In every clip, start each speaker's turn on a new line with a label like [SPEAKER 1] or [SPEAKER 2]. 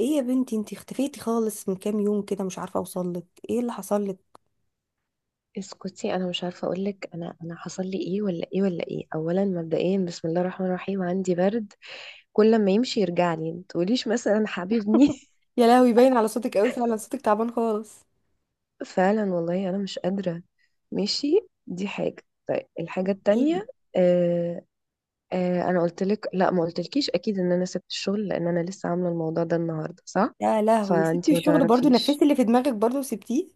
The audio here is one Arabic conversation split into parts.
[SPEAKER 1] ايه يا بنتي، انتي اختفيتي خالص من كام يوم كده، مش عارفه اوصل لك. ايه اللي حصل لك؟
[SPEAKER 2] اسكتي، انا مش عارفه اقول لك انا حصل لي ايه ولا ايه ولا ايه. اولا مبدئيا، بسم الله الرحمن الرحيم، عندي برد. كل ما يمشي يرجع لي. ما تقوليش مثلا حبيبني.
[SPEAKER 1] يا لهوي باين على صوتك قوي، فعلا صوتك تعبان خالص.
[SPEAKER 2] فعلا والله انا مش قادره. ماشي. دي حاجه. طيب، الحاجه
[SPEAKER 1] ايه؟
[SPEAKER 2] التانية. آه آه، انا قلت لك، لا ما قلتلكيش اكيد ان انا سبت الشغل، لان انا لسه عامله الموضوع ده النهارده، صح؟
[SPEAKER 1] يا لهوي سبتي
[SPEAKER 2] فانتي ما
[SPEAKER 1] الشغل برضو،
[SPEAKER 2] تعرفيش.
[SPEAKER 1] نفذتي اللي في دماغك برضو وسبتيه.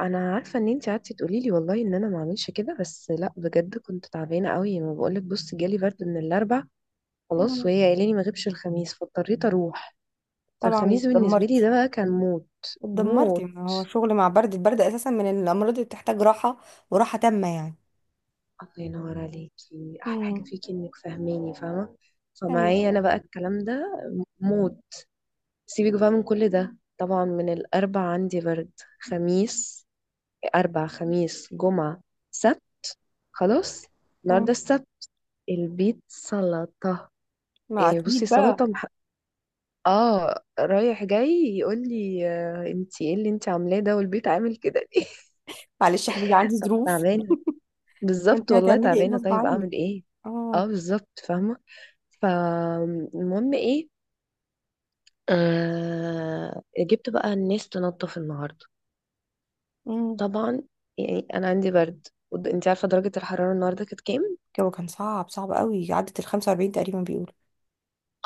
[SPEAKER 2] انا عارفه ان انتي قعدتي تقولي لي والله ان انا ما اعملش كده، بس لا بجد كنت تعبانه قوي. ما بقولك، بص، جالي برد من الاربع. خلاص،
[SPEAKER 1] مم.
[SPEAKER 2] وهي قايله لي ما غيبش الخميس، فاضطريت اروح.
[SPEAKER 1] طبعا
[SPEAKER 2] فالخميس بالنسبه لي ده
[SPEAKER 1] اتدمرتي.
[SPEAKER 2] بقى كان موت.
[SPEAKER 1] اتدمرتي،
[SPEAKER 2] موت.
[SPEAKER 1] ما هو شغل مع برد، البرد اساسا من الامراض اللي بتحتاج راحه وراحه تامه يعني.
[SPEAKER 2] الله ينور عليكي، احلى حاجه
[SPEAKER 1] مم.
[SPEAKER 2] فيكي انك فاهماني فاهمه.
[SPEAKER 1] ايوه.
[SPEAKER 2] فمعايا انا بقى الكلام ده موت. سيبك بقى من كل ده. طبعا من الاربع عندي برد، خميس، اربع خميس جمعه، سبت، خلاص، النهارده
[SPEAKER 1] مم.
[SPEAKER 2] السبت، البيت سلطه.
[SPEAKER 1] ما
[SPEAKER 2] يعني بصي،
[SPEAKER 1] اكيد بقى.
[SPEAKER 2] سلطه. اه رايح جاي، يقول لي: آه، انتي ايه اللي انتي عاملاه ده، والبيت عامل كده ليه؟
[SPEAKER 1] معلش يا حبيبي، عندي ظروف.
[SPEAKER 2] تعبانه.
[SPEAKER 1] ما انت
[SPEAKER 2] بالظبط والله
[SPEAKER 1] هتعملي ايه
[SPEAKER 2] تعبانه.
[SPEAKER 1] غصب
[SPEAKER 2] طيب
[SPEAKER 1] عنك.
[SPEAKER 2] اعمل ايه؟ اه
[SPEAKER 1] اه.
[SPEAKER 2] بالظبط فاهمه. فالمهم، ايه، جبت بقى الناس تنظف النهارده،
[SPEAKER 1] امم
[SPEAKER 2] طبعا. يعني انا عندي برد انتي عارفه درجه الحراره النهارده كانت كام؟
[SPEAKER 1] الجو كان صعب صعب قوي، عدت ال 45 تقريبا بيقولوا.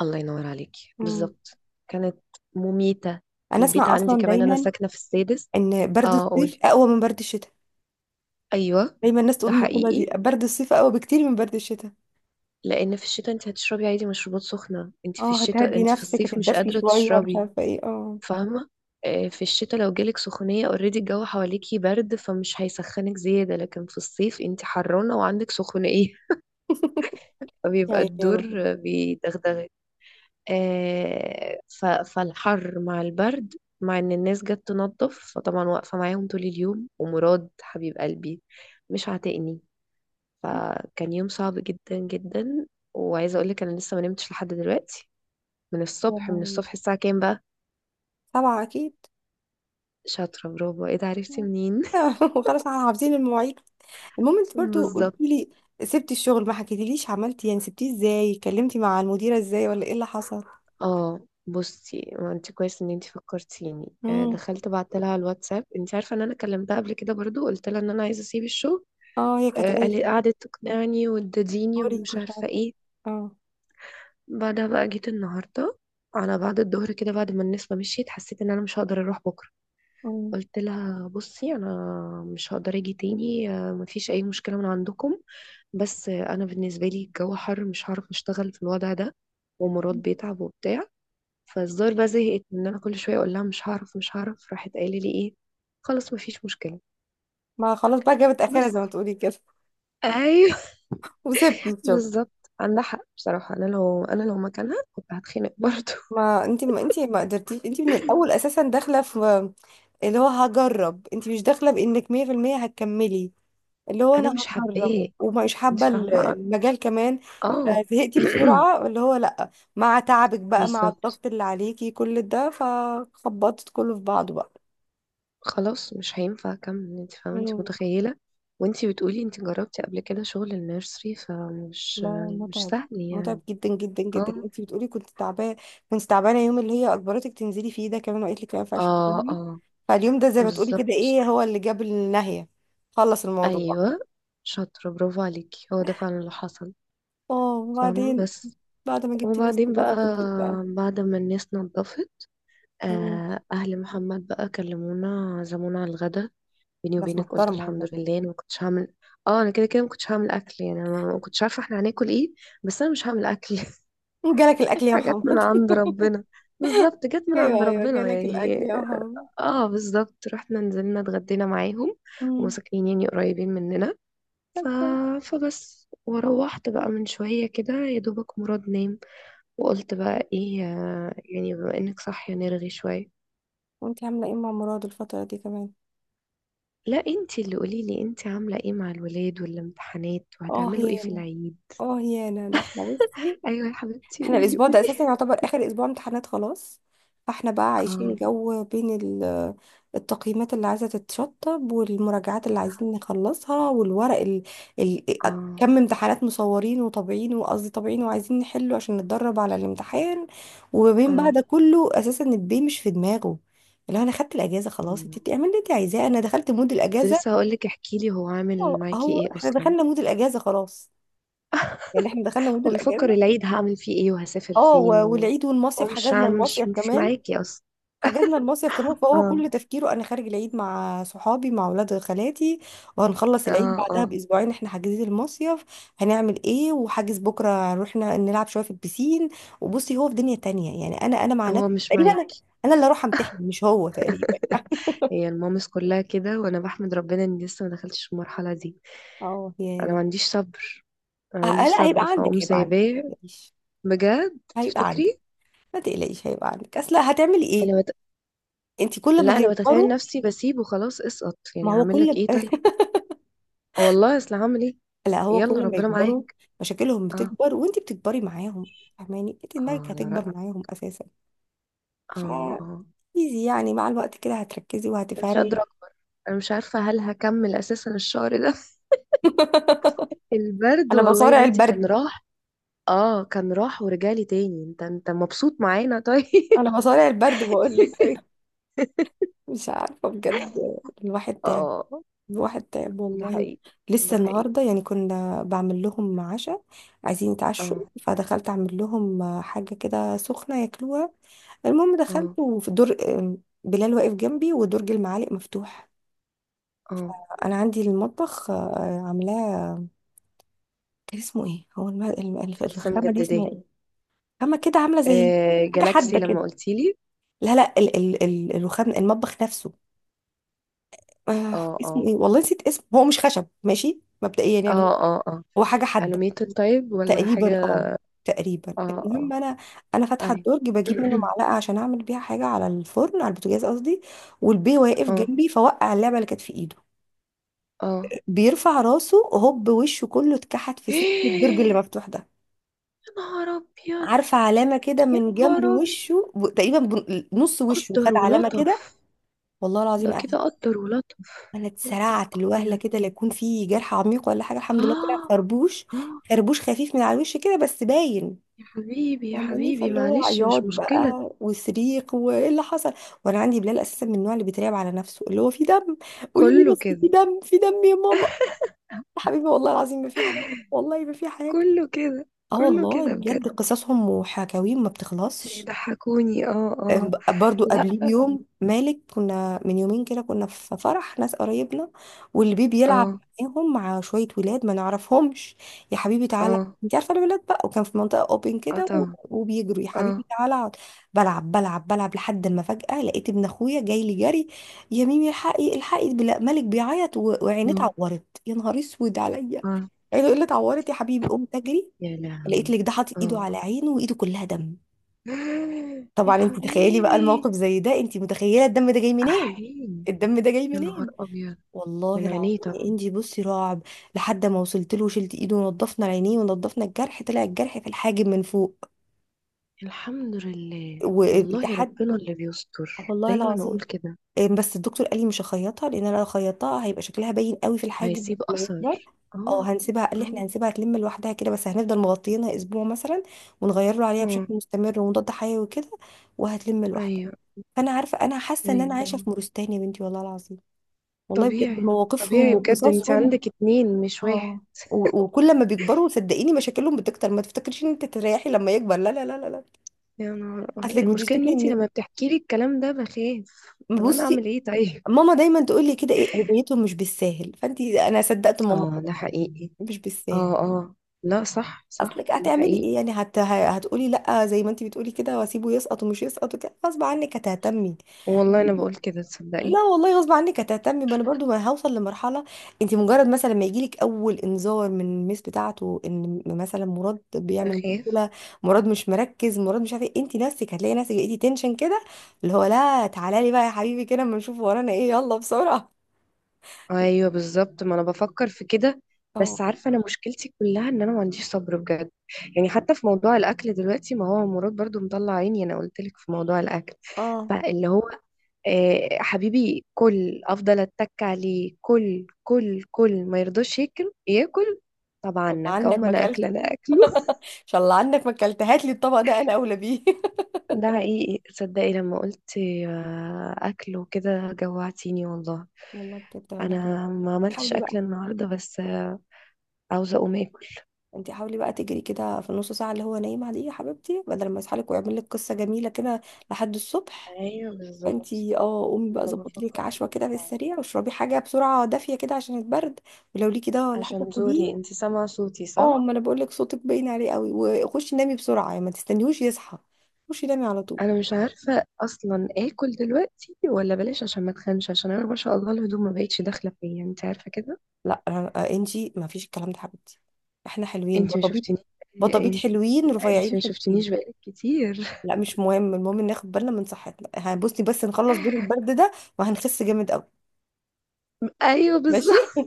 [SPEAKER 2] الله ينور عليكي بالظبط. كانت مميته.
[SPEAKER 1] انا
[SPEAKER 2] البيت
[SPEAKER 1] اسمع
[SPEAKER 2] عندي
[SPEAKER 1] اصلا
[SPEAKER 2] كمان، انا
[SPEAKER 1] دايما
[SPEAKER 2] ساكنه في السادس.
[SPEAKER 1] ان برد
[SPEAKER 2] اه
[SPEAKER 1] الصيف
[SPEAKER 2] قولي.
[SPEAKER 1] اقوى من برد الشتاء،
[SPEAKER 2] ايوه.
[SPEAKER 1] دايما الناس تقول
[SPEAKER 2] ده
[SPEAKER 1] المقولة دي،
[SPEAKER 2] حقيقي،
[SPEAKER 1] برد الصيف اقوى بكتير من برد الشتاء.
[SPEAKER 2] لان في الشتاء انت هتشربي عادي مشروبات سخنه.
[SPEAKER 1] اه هتهدي
[SPEAKER 2] انت في
[SPEAKER 1] نفسك،
[SPEAKER 2] الصيف مش
[SPEAKER 1] هتتدفي
[SPEAKER 2] قادره
[SPEAKER 1] شوية، مش
[SPEAKER 2] تشربي.
[SPEAKER 1] عارفة ايه، اه.
[SPEAKER 2] فاهمه. في الشتاء لو جالك سخونيه، اوريدي الجو حواليكي برد فمش هيسخنك زياده، لكن في الصيف انت حرانه وعندك سخونيه.
[SPEAKER 1] يا
[SPEAKER 2] فبيبقى
[SPEAKER 1] عيني يا رب.
[SPEAKER 2] الدور بيدغدغك. فالحر مع البرد. مع ان الناس جت تنظف، فطبعا واقفه معاهم طول اليوم، ومراد حبيب قلبي مش عاتقني، فكان يوم صعب جدا جدا. وعايزه اقول لك انا لسه ما نمتش لحد دلوقتي. من
[SPEAKER 1] يا
[SPEAKER 2] الصبح، من
[SPEAKER 1] لهوي.
[SPEAKER 2] الصبح. الساعة كام بقى؟
[SPEAKER 1] سبعة اكيد.
[SPEAKER 2] شاطرة، برافو. ايه ده، عرفتي منين؟
[SPEAKER 1] وخلاص احنا حافظين المواعيد. المهم انت برضو قلتي
[SPEAKER 2] بالظبط.
[SPEAKER 1] لي سبتي الشغل، ما حكيتيليش عملتي يعني سبتيه ازاي، كلمتي مع المديرة ازاي، ولا ايه اللي حصل؟
[SPEAKER 2] اه بصي، ما انت كويس ان انت فكرتيني.
[SPEAKER 1] امم.
[SPEAKER 2] دخلت بعت لها الواتساب. انت عارفة ان انا كلمتها قبل كده برضو، قلت لها ان انا عايزة اسيب الشغل.
[SPEAKER 1] اه هي كانت قالت
[SPEAKER 2] قالت
[SPEAKER 1] لي
[SPEAKER 2] قعدت تقنعني وتديني،
[SPEAKER 1] هوري
[SPEAKER 2] ومش
[SPEAKER 1] مش
[SPEAKER 2] عارفة
[SPEAKER 1] عارفة ايه.
[SPEAKER 2] ايه.
[SPEAKER 1] اه.
[SPEAKER 2] بعدها بقى جيت النهاردة، على بعد الظهر كده، بعد ما الناس ما مشيت حسيت ان انا مش هقدر اروح بكرة.
[SPEAKER 1] أمم.
[SPEAKER 2] قلت لها: بصي، انا مش هقدر اجي تاني. مفيش اي مشكلة من عندكم، بس انا بالنسبه لي الجو حر، مش هعرف اشتغل في الوضع ده، ومراد بيتعب وبتاع. فالزار بقى زهقت ان انا كل شويه اقول لها مش هعرف مش هعرف. راحت قايله لي ايه؟ خلاص مفيش مشكله.
[SPEAKER 1] ما خلاص بقى، جابت اخرها
[SPEAKER 2] بس.
[SPEAKER 1] زي ما تقولي كده.
[SPEAKER 2] ايوه.
[SPEAKER 1] وسبتي الشغل.
[SPEAKER 2] بالظبط. عندها حق بصراحه. انا لو مكانها كنت هتخنق برضه.
[SPEAKER 1] ما انت ما قدرتيش انت من الاول اساسا، داخله في اللي هو هجرب، انت مش داخله بانك 100% هتكملي. اللي هو
[SPEAKER 2] انا
[SPEAKER 1] انا
[SPEAKER 2] مش
[SPEAKER 1] هجرب
[SPEAKER 2] حباه.
[SPEAKER 1] ومش
[SPEAKER 2] انت
[SPEAKER 1] حابه
[SPEAKER 2] فاهمه.
[SPEAKER 1] المجال كمان،
[SPEAKER 2] اه.
[SPEAKER 1] فزهقتي بسرعه، اللي هو لا. مع تعبك بقى، مع
[SPEAKER 2] بالظبط.
[SPEAKER 1] الضغط اللي عليكي، كل ده فخبطت كله في بعضه.
[SPEAKER 2] خلاص مش هينفع اكمل، انت فاهمه، انت
[SPEAKER 1] بقى.
[SPEAKER 2] متخيله. وانت بتقولي انت جربتي قبل كده شغل النيرسري،
[SPEAKER 1] لا
[SPEAKER 2] فمش
[SPEAKER 1] لا
[SPEAKER 2] مش
[SPEAKER 1] متعب.
[SPEAKER 2] سهل
[SPEAKER 1] متعب
[SPEAKER 2] يعني.
[SPEAKER 1] جدا جدا جدا.
[SPEAKER 2] اه
[SPEAKER 1] انت بتقولي كنت تعبانه، كنت تعبانه. يوم اللي هي اجبرتك تنزلي فيه ده كمان وقالت لك ما ينفعش
[SPEAKER 2] اه
[SPEAKER 1] تنزلي،
[SPEAKER 2] اه
[SPEAKER 1] فاليوم ده زي ما تقولي كده
[SPEAKER 2] بالظبط.
[SPEAKER 1] ايه هو اللي جاب النهايه. خلص الموضوع.
[SPEAKER 2] ايوه شاطرة، برافو عليكي. هو ده فعلا اللي حصل.
[SPEAKER 1] اه
[SPEAKER 2] فاهمة
[SPEAKER 1] وبعدين
[SPEAKER 2] بس.
[SPEAKER 1] بعد ما جبت ناس
[SPEAKER 2] وبعدين بقى،
[SPEAKER 1] نظفت البيت بقى.
[SPEAKER 2] بعد ما الناس نضفت،
[SPEAKER 1] مم.
[SPEAKER 2] أهل محمد بقى كلمونا عزمونا على الغدا. بيني
[SPEAKER 1] ناس
[SPEAKER 2] وبينك قلت
[SPEAKER 1] محترمه والله.
[SPEAKER 2] الحمد لله، أنا ما كنتش هعمل. اه أنا كده كده ما كنتش هعمل أكل. يعني أنا ما كنتش عارفة احنا هناكل ايه، بس أنا مش هعمل أكل.
[SPEAKER 1] جالك الاكل يا
[SPEAKER 2] حاجات من
[SPEAKER 1] محمد.
[SPEAKER 2] عند ربنا. بالظبط، جت من عند
[SPEAKER 1] ايوه ايوه
[SPEAKER 2] ربنا
[SPEAKER 1] جالك الاكل
[SPEAKER 2] يعني.
[SPEAKER 1] يا محمد.
[SPEAKER 2] اه بالظبط، رحنا نزلنا اتغدينا معاهم. وهم
[SPEAKER 1] امم.
[SPEAKER 2] ساكنين يعني قريبين مننا.
[SPEAKER 1] طب
[SPEAKER 2] ف...
[SPEAKER 1] كويس.
[SPEAKER 2] فبس، وروحت بقى من شوية كده، يا دوبك مراد نام. وقلت بقى ايه، يعني بما انك صاحية نرغي شوية.
[SPEAKER 1] وانت عامله ايه مع مراد الفتره دي كمان؟
[SPEAKER 2] لا، انتي اللي قوليلي، انتي عاملة ايه مع الولاد والامتحانات،
[SPEAKER 1] اه
[SPEAKER 2] وهتعملوا ايه في
[SPEAKER 1] هيانا.
[SPEAKER 2] العيد؟
[SPEAKER 1] اه هيانا، ده احنا بصي،
[SPEAKER 2] ايوه يا حبيبتي،
[SPEAKER 1] احنا
[SPEAKER 2] قولي
[SPEAKER 1] الاسبوع ده
[SPEAKER 2] قولي.
[SPEAKER 1] اساسا يعتبر اخر اسبوع امتحانات خلاص، فاحنا بقى عايشين
[SPEAKER 2] اه
[SPEAKER 1] جو بين التقييمات اللي عايزه تتشطب، والمراجعات اللي عايزين نخلصها، والورق ال...
[SPEAKER 2] اه
[SPEAKER 1] كم امتحانات مصورين وطابعين، وقصدي طابعين وعايزين نحله عشان نتدرب على الامتحان. وما بين بقى
[SPEAKER 2] اه.
[SPEAKER 1] ده كله اساسا البي مش في دماغه، اللي هو انا خدت الاجازه خلاص،
[SPEAKER 2] آه.
[SPEAKER 1] انت اعملي اللي انت عايزاه، انا دخلت مود
[SPEAKER 2] كنت لسه
[SPEAKER 1] الاجازه.
[SPEAKER 2] هقولك، احكيلي، هو
[SPEAKER 1] اه
[SPEAKER 2] عامل معاكي
[SPEAKER 1] اهو
[SPEAKER 2] ايه
[SPEAKER 1] احنا
[SPEAKER 2] اصلا؟
[SPEAKER 1] دخلنا مود الاجازه خلاص، يعني احنا دخلنا مود
[SPEAKER 2] هو بيفكر
[SPEAKER 1] الاجازه.
[SPEAKER 2] العيد هعمل فيه ايه، وهسافر
[SPEAKER 1] اه
[SPEAKER 2] فين،
[SPEAKER 1] و- والعيد
[SPEAKER 2] هو
[SPEAKER 1] والمصيف،
[SPEAKER 2] مش
[SPEAKER 1] حجزنا
[SPEAKER 2] عام- مش
[SPEAKER 1] المصيف
[SPEAKER 2] مش
[SPEAKER 1] كمان،
[SPEAKER 2] معاكي اصلا.
[SPEAKER 1] حجزنا المصيف كمان، فهو
[SPEAKER 2] اه
[SPEAKER 1] كل تفكيره انا خارج العيد مع صحابي مع اولاد خالاتي، وهنخلص العيد
[SPEAKER 2] اه اه.
[SPEAKER 1] بعدها باسبوعين احنا حاجزين المصيف، هنعمل ايه، وحاجز بكره رحنا نلعب شويه في البسين. وبصي هو في دنيا تانية يعني، انا مع نفسي
[SPEAKER 2] هو مش
[SPEAKER 1] تقريبا، انا
[SPEAKER 2] معاك.
[SPEAKER 1] أنا اللي اروح امتحن مش هو تقريبا يعني.
[SPEAKER 2] هي المامس كلها كده، وانا بحمد ربنا اني لسه ما دخلتش في المرحله دي.
[SPEAKER 1] اه
[SPEAKER 2] انا ما
[SPEAKER 1] يعني.
[SPEAKER 2] عنديش صبر. انا ما عنديش
[SPEAKER 1] لا هيبقى
[SPEAKER 2] صبر،
[SPEAKER 1] عندك،
[SPEAKER 2] فاقوم
[SPEAKER 1] هيبقى عندك،
[SPEAKER 2] سايباه.
[SPEAKER 1] ما تقلقيش.
[SPEAKER 2] بجد
[SPEAKER 1] هيبقى عندك
[SPEAKER 2] تفتكري؟
[SPEAKER 1] ما تقلقيش، هيبقى عندك، اصل هتعملي ايه؟
[SPEAKER 2] انا بت...
[SPEAKER 1] انت كل ما
[SPEAKER 2] لا، انا بتخيل
[SPEAKER 1] هيكبروا.
[SPEAKER 2] نفسي بسيبه. خلاص اسقط
[SPEAKER 1] ما
[SPEAKER 2] يعني،
[SPEAKER 1] هو
[SPEAKER 2] هعمل لك
[SPEAKER 1] كل
[SPEAKER 2] ايه طيب؟ آه والله، اصل هعمل ايه.
[SPEAKER 1] لا، هو
[SPEAKER 2] يلا
[SPEAKER 1] كل ما
[SPEAKER 2] ربنا
[SPEAKER 1] يكبروا
[SPEAKER 2] معاك.
[SPEAKER 1] مشاكلهم
[SPEAKER 2] اه
[SPEAKER 1] بتكبر وانتي بتكبري معاهم، فاهماني؟ انت
[SPEAKER 2] اه
[SPEAKER 1] دماغك
[SPEAKER 2] على رأيك.
[SPEAKER 1] هتكبر معاهم اساسا.
[SPEAKER 2] اه اه.
[SPEAKER 1] فايزي. يعني مع الوقت كده هتركزي
[SPEAKER 2] انا مش
[SPEAKER 1] وهتفهمي.
[SPEAKER 2] قادره اكبر. انا مش عارفه هل هكمل اساسا الشهر ده. البرد
[SPEAKER 1] انا
[SPEAKER 2] والله يا
[SPEAKER 1] بصارع
[SPEAKER 2] بنتي كان
[SPEAKER 1] البرد.
[SPEAKER 2] راح. اه كان راح ورجالي تاني. انت مبسوط معانا طيب؟
[SPEAKER 1] انا بصارع البرد، بقول لك أيوة. مش عارفه بجد، الواحد تعب،
[SPEAKER 2] اه
[SPEAKER 1] الواحد تعب
[SPEAKER 2] ده
[SPEAKER 1] والله.
[SPEAKER 2] حقيقي. ده
[SPEAKER 1] لسه
[SPEAKER 2] حقيقي.
[SPEAKER 1] النهارده يعني كنا بعمل لهم عشاء، عايزين يتعشوا،
[SPEAKER 2] اه
[SPEAKER 1] فدخلت اعمل لهم حاجه كده سخنه ياكلوها. المهم
[SPEAKER 2] اه
[SPEAKER 1] دخلت وفي دور، بلال واقف جنبي ودرج المعالق مفتوح،
[SPEAKER 2] اه.
[SPEAKER 1] انا عندي المطبخ عاملاه، كان اسمه ايه هو
[SPEAKER 2] انت لسه
[SPEAKER 1] الرخامه دي اسمها
[SPEAKER 2] مجدداه؟
[SPEAKER 1] ايه، رخامه كده عامله زي
[SPEAKER 2] آه
[SPEAKER 1] حاجه
[SPEAKER 2] جالاكسي،
[SPEAKER 1] حاده
[SPEAKER 2] لما
[SPEAKER 1] كده.
[SPEAKER 2] قلتي لي.
[SPEAKER 1] لا لا الرخام المطبخ نفسه، آه
[SPEAKER 2] اه
[SPEAKER 1] اسمه
[SPEAKER 2] اه
[SPEAKER 1] ايه والله نسيت اسمه، هو مش خشب ماشي مبدئيا يعني،
[SPEAKER 2] اه اه اه.
[SPEAKER 1] هو حاجه حاده.
[SPEAKER 2] الوميتد طيب، ولا حاجة؟
[SPEAKER 1] تقريبا اه، تقريبا.
[SPEAKER 2] اه اه.
[SPEAKER 1] المهم انا، فاتحه
[SPEAKER 2] اي.
[SPEAKER 1] الدرج بجيب منه معلقه عشان اعمل بيها حاجه على الفرن، على البوتاجاز قصدي، والبي واقف
[SPEAKER 2] اه
[SPEAKER 1] جنبي فوقع اللعبه اللي كانت في ايده،
[SPEAKER 2] اه
[SPEAKER 1] بيرفع راسه هوب، وشه كله اتكحت في سن الدرج اللي مفتوح ده.
[SPEAKER 2] يا نهار ابيض.
[SPEAKER 1] عارفة علامة كده
[SPEAKER 2] يا
[SPEAKER 1] من جنب
[SPEAKER 2] نهار ابيض،
[SPEAKER 1] وشه تقريبا نص وشه خد
[SPEAKER 2] قدر
[SPEAKER 1] علامة كده.
[SPEAKER 2] ولطف.
[SPEAKER 1] والله العظيم
[SPEAKER 2] ده
[SPEAKER 1] أنا،
[SPEAKER 2] كده قدر ولطف. يا نهار
[SPEAKER 1] اتسرعت الوهلة
[SPEAKER 2] ابيض.
[SPEAKER 1] كده لا يكون في جرح عميق ولا حاجة، الحمد لله طلع
[SPEAKER 2] اه
[SPEAKER 1] خربوش،
[SPEAKER 2] اه.
[SPEAKER 1] خربوش خفيف من على الوش كده بس باين.
[SPEAKER 2] يا حبيبي يا
[SPEAKER 1] فاهماني؟
[SPEAKER 2] حبيبي
[SPEAKER 1] فاللي هو
[SPEAKER 2] معلش،
[SPEAKER 1] عياط
[SPEAKER 2] مش مشكلة.
[SPEAKER 1] بقى وصريخ وايه اللي حصل، وانا عندي بلال اساسا من النوع اللي بيتريق على نفسه، اللي هو في دم، قولي لي
[SPEAKER 2] كله
[SPEAKER 1] بس، في
[SPEAKER 2] كده.
[SPEAKER 1] دم، في دم يا ماما. يا حبيبي والله العظيم ما في حاجه، والله ما في حاجه.
[SPEAKER 2] كله كده.
[SPEAKER 1] اه
[SPEAKER 2] كله
[SPEAKER 1] والله
[SPEAKER 2] كده
[SPEAKER 1] بجد
[SPEAKER 2] بجد.
[SPEAKER 1] قصصهم وحكاويهم ما بتخلصش.
[SPEAKER 2] بيضحكوني. اه اه.
[SPEAKER 1] برضو
[SPEAKER 2] لا.
[SPEAKER 1] قبليه بيوم مالك، كنا من يومين كده كنا في فرح ناس قرايبنا والبيبي بيلعب
[SPEAKER 2] اه
[SPEAKER 1] معاهم مع شوية ولاد ما نعرفهمش، يا حبيبي تعالى،
[SPEAKER 2] اه
[SPEAKER 1] انت عارفة الولاد بقى، وكان في منطقة اوبن
[SPEAKER 2] اه.
[SPEAKER 1] كده
[SPEAKER 2] طبعا.
[SPEAKER 1] وبيجروا، يا
[SPEAKER 2] اه
[SPEAKER 1] حبيبي تعالى اقعد. بلعب بلعب بلعب لحد ما فجأة لقيت ابن اخويا جاي لي جري، يا ميمي الحقي الحقي مالك بيعيط وعينيه
[SPEAKER 2] اه
[SPEAKER 1] اتعورت، يا نهار اسود عليا.
[SPEAKER 2] اه.
[SPEAKER 1] عينه ايه اللي اتعورت يا حبيبي، قمت اجري
[SPEAKER 2] يا
[SPEAKER 1] لقيت
[SPEAKER 2] لهوي.
[SPEAKER 1] لك ده حاطط ايده
[SPEAKER 2] اه
[SPEAKER 1] على عينه وايده كلها دم.
[SPEAKER 2] يا
[SPEAKER 1] طبعا انت تخيلي بقى الموقف
[SPEAKER 2] حبيبي.
[SPEAKER 1] زي ده، انت متخيله الدم ده جاي منين،
[SPEAKER 2] احيي.
[SPEAKER 1] الدم ده جاي
[SPEAKER 2] يا نهار
[SPEAKER 1] منين.
[SPEAKER 2] ابيض. من
[SPEAKER 1] والله
[SPEAKER 2] عينيه
[SPEAKER 1] العظيم يا
[SPEAKER 2] طبعا.
[SPEAKER 1] انجي بصي رعب، لحد ما وصلت له وشلت ايده ونضفنا العينين ونضفنا الجرح، طلع الجرح في الحاجب من فوق.
[SPEAKER 2] الحمد لله، والله
[SPEAKER 1] ولحد،
[SPEAKER 2] ربنا اللي بيستر،
[SPEAKER 1] والله
[SPEAKER 2] دايما اقول
[SPEAKER 1] العظيم،
[SPEAKER 2] كده.
[SPEAKER 1] بس الدكتور قال لي مش هخيطها، لان انا لو خيطتها هيبقى شكلها باين قوي في الحاجب
[SPEAKER 2] هيسيب
[SPEAKER 1] لما يكبر،
[SPEAKER 2] اثر.
[SPEAKER 1] او
[SPEAKER 2] اه
[SPEAKER 1] هنسيبها، قال لي احنا
[SPEAKER 2] اه
[SPEAKER 1] هنسيبها تلم لوحدها كده، بس هنفضل مغطيينها اسبوع مثلا، ونغير له عليها بشكل
[SPEAKER 2] اه.
[SPEAKER 1] مستمر ومضاد حيوي وكده، وهتلم لوحدها.
[SPEAKER 2] ايوه
[SPEAKER 1] فانا عارفه، انا حاسه ان انا
[SPEAKER 2] ايوه.
[SPEAKER 1] عايشه
[SPEAKER 2] آه.
[SPEAKER 1] في مورستان يا بنتي والله العظيم. والله بجد
[SPEAKER 2] طبيعي.
[SPEAKER 1] مواقفهم
[SPEAKER 2] طبيعي بجد، انت
[SPEAKER 1] وقصصهم.
[SPEAKER 2] عندك اتنين مش
[SPEAKER 1] اه
[SPEAKER 2] واحد.
[SPEAKER 1] وكل ما بيكبروا صدقيني مشاكلهم بتكتر، ما تفتكريش ان انت تريحي لما يكبر، لا لا لا لا لا.
[SPEAKER 2] يا نهار أبيض.
[SPEAKER 1] اصلك
[SPEAKER 2] المشكلة
[SPEAKER 1] بتشتكي
[SPEAKER 2] ان انتي
[SPEAKER 1] ان،
[SPEAKER 2] لما بتحكي لي الكلام ده بخاف. طب انا اعمل
[SPEAKER 1] بصي،
[SPEAKER 2] ايه طيب؟
[SPEAKER 1] ماما دايما تقول لي كده، ايه هديتهم مش بالساهل، فانت انا صدقت ماما
[SPEAKER 2] اه
[SPEAKER 1] خلاص،
[SPEAKER 2] ده حقيقي.
[SPEAKER 1] مش بالساهل.
[SPEAKER 2] اه اه. لا صح صح.
[SPEAKER 1] اصلك
[SPEAKER 2] ده
[SPEAKER 1] هتعملي ايه
[SPEAKER 2] حقيقي.
[SPEAKER 1] يعني، هتقولي لا زي ما انت بتقولي كده واسيبه يسقط، ومش يسقط وكده، غصب عنك هتهتمي.
[SPEAKER 2] والله انا بقول كده
[SPEAKER 1] لا
[SPEAKER 2] تصدقي.
[SPEAKER 1] والله غصب عنك هتهتمي، ما انا برضو ما هوصل لمرحله، انت مجرد مثلا ما يجيلك اول انذار من الميس بتاعته ان مثلا مراد بيعمل
[SPEAKER 2] بخاف.
[SPEAKER 1] مشكله، مراد مش مركز، مراد مش عارف ايه، انت نفسك هتلاقي نفسك لقيتي تنشن كده، اللي هو لا تعالى لي بقى يا حبيبي كده اما نشوف ورانا ايه، يلا بسرعه.
[SPEAKER 2] ايوه بالظبط، ما انا بفكر في كده.
[SPEAKER 1] اه
[SPEAKER 2] بس عارفه، انا مشكلتي كلها ان انا ما عنديش صبر بجد. يعني حتى في موضوع الاكل دلوقتي، ما هو مراد برضو مطلع عيني، انا قلت لك في موضوع الاكل.
[SPEAKER 1] اه.
[SPEAKER 2] فاللي هو حبيبي كل، افضل اتك عليه كل، كل كل ما يرضاش ياكل، ياكل. طب
[SPEAKER 1] طب
[SPEAKER 2] عنك، او
[SPEAKER 1] عنك
[SPEAKER 2] ما
[SPEAKER 1] ما
[SPEAKER 2] انا اكله
[SPEAKER 1] اكلت،
[SPEAKER 2] انا اكله.
[SPEAKER 1] ان شاء الله عنك ما اكلت، هات لي الطبق ده انا اولى بيه.
[SPEAKER 2] ده حقيقي صدقي، لما قلت آه، اكل وكده، جوعتيني والله.
[SPEAKER 1] والله بجد انا كده.
[SPEAKER 2] انا ما عملتش
[SPEAKER 1] حاولي
[SPEAKER 2] اكل
[SPEAKER 1] بقى،
[SPEAKER 2] النهارده، بس عاوزه اقوم اكل.
[SPEAKER 1] انت حاولي بقى تجري كده في النص ساعه اللي هو نايم عليه يا حبيبتي، بدل ما يصحى لك ويعمل لك قصه جميله كده لحد الصبح،
[SPEAKER 2] ايوه بالظبط،
[SPEAKER 1] فانتي اه قومي
[SPEAKER 2] ما
[SPEAKER 1] بقى
[SPEAKER 2] انا
[SPEAKER 1] ظبطي لك
[SPEAKER 2] بفكر في
[SPEAKER 1] عشوه
[SPEAKER 2] كده
[SPEAKER 1] كده في
[SPEAKER 2] فعلا.
[SPEAKER 1] السريع، واشربي حاجه بسرعه دافيه كده عشان البرد، ولو ليكي ده ولا حاجه
[SPEAKER 2] عشان زوري،
[SPEAKER 1] خديه.
[SPEAKER 2] انت سامعه صوتي
[SPEAKER 1] اه
[SPEAKER 2] صح؟
[SPEAKER 1] ما انا بقول لك صوتك باين عليه قوي. وخشي نامي بسرعه يعني، ما تستنيهوش يصحى، خشي نامي على طول.
[SPEAKER 2] انا مش عارفه اصلا اكل دلوقتي ولا بلاش، عشان ما اتخنش، عشان انا، ما شاء الله، الهدوم ما بقتش داخله فيا، انت عارفه كده.
[SPEAKER 1] لا انتي ما فيش الكلام ده يا حبيبتي، احنا حلوين
[SPEAKER 2] انت ما
[SPEAKER 1] بطبيب،
[SPEAKER 2] شفتنيش.
[SPEAKER 1] بطبيب
[SPEAKER 2] انت
[SPEAKER 1] حلوين
[SPEAKER 2] انت
[SPEAKER 1] رفيعين
[SPEAKER 2] ما
[SPEAKER 1] حلوين.
[SPEAKER 2] شفتنيش بقالك كتير.
[SPEAKER 1] لا مش مهم، المهم ناخد بالنا من صحتنا، هنبصي بس نخلص دور البرد ده وهنخس جامد قوي.
[SPEAKER 2] ايوه
[SPEAKER 1] ماشي.
[SPEAKER 2] بالظبط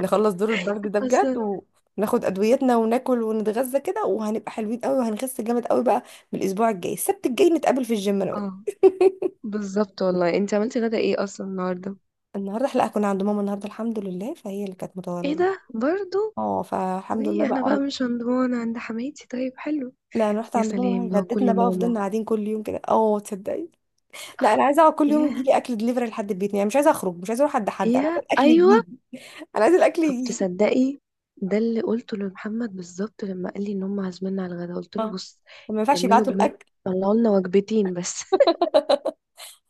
[SPEAKER 1] نخلص دور البرد ده
[SPEAKER 2] اصلا.
[SPEAKER 1] بجد، وناخد ادويتنا وناكل ونتغذى كده، وهنبقى حلوين قوي وهنخس جامد قوي بقى. من الاسبوع الجاي السبت الجاي نتقابل في الجيم انا وإنت.
[SPEAKER 2] اه بالظبط والله. انت عملتي غدا ايه اصلا النهارده؟
[SPEAKER 1] النهارده لا كنا عند ماما، النهارده الحمد لله فهي اللي كانت
[SPEAKER 2] ايه
[SPEAKER 1] متولده،
[SPEAKER 2] ده برضو؟
[SPEAKER 1] اه فالحمد لله
[SPEAKER 2] ليه انا
[SPEAKER 1] بقى.
[SPEAKER 2] بقى مش هندوان عند حماتي؟ طيب حلو.
[SPEAKER 1] لا انا رحت
[SPEAKER 2] يا
[SPEAKER 1] عند ماما وهي
[SPEAKER 2] سلام لو كل
[SPEAKER 1] غدتنا بقى، وفضلنا
[SPEAKER 2] ماما.
[SPEAKER 1] قاعدين كل يوم كده اه تصدقي. لا انا عايزه اقعد كل يوم
[SPEAKER 2] يا،
[SPEAKER 1] يجي لي اكل دليفري لحد البيت، يعني مش عايزه اخرج، مش عايزه اروح عند حد، انا عايزه
[SPEAKER 2] يا،
[SPEAKER 1] الاكل
[SPEAKER 2] ايوه.
[SPEAKER 1] يجي لي، انا عايزه الاكل
[SPEAKER 2] طب
[SPEAKER 1] يجي لي.
[SPEAKER 2] تصدقي، ده اللي قلته لمحمد بالظبط لما قال لي ان هم عازميننا على الغدا، قلت له
[SPEAKER 1] اه
[SPEAKER 2] بص،
[SPEAKER 1] ما ينفعش
[SPEAKER 2] كملوا
[SPEAKER 1] يبعتوا
[SPEAKER 2] جمل،
[SPEAKER 1] الاكل،
[SPEAKER 2] طلعوا لنا وجبتين بس.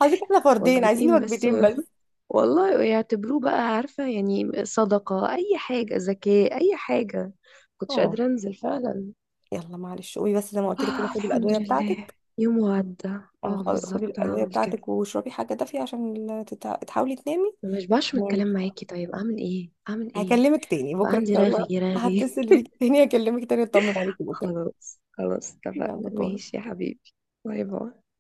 [SPEAKER 1] حضرتك احنا فردين، عايزين
[SPEAKER 2] وجبتين بس.
[SPEAKER 1] وجبتين بس.
[SPEAKER 2] والله يعتبروه بقى عارفة، يعني صدقة، اي حاجة، زكاة، اي حاجة. كنتش
[SPEAKER 1] اه
[SPEAKER 2] قادرة انزل فعلا.
[SPEAKER 1] يلا معلش، قومي بس زي ما قلت لك كده،
[SPEAKER 2] آه
[SPEAKER 1] خدي
[SPEAKER 2] الحمد
[SPEAKER 1] الادويه
[SPEAKER 2] لله.
[SPEAKER 1] بتاعتك.
[SPEAKER 2] يوم وعدى.
[SPEAKER 1] اه
[SPEAKER 2] اه
[SPEAKER 1] خدي
[SPEAKER 2] بالظبط،
[SPEAKER 1] الادويه
[SPEAKER 2] هعمل كده.
[SPEAKER 1] بتاعتك واشربي حاجه دافيه عشان تحاولي تنامي.
[SPEAKER 2] ما بشبعش من
[SPEAKER 1] نامي
[SPEAKER 2] الكلام
[SPEAKER 1] بسرعه،
[SPEAKER 2] معاكي، طيب اعمل ايه، اعمل ايه؟
[SPEAKER 1] هكلمك تاني
[SPEAKER 2] يبقى
[SPEAKER 1] بكره ان
[SPEAKER 2] عندي
[SPEAKER 1] شاء الله،
[SPEAKER 2] رغي رغي.
[SPEAKER 1] هتصل بيك تاني، هكلمك تاني اطمن عليكي بكره،
[SPEAKER 2] خلاص خلاص
[SPEAKER 1] يلا
[SPEAKER 2] اتفقنا.
[SPEAKER 1] باي.
[SPEAKER 2] ماشي يا حبيبي. باي باي.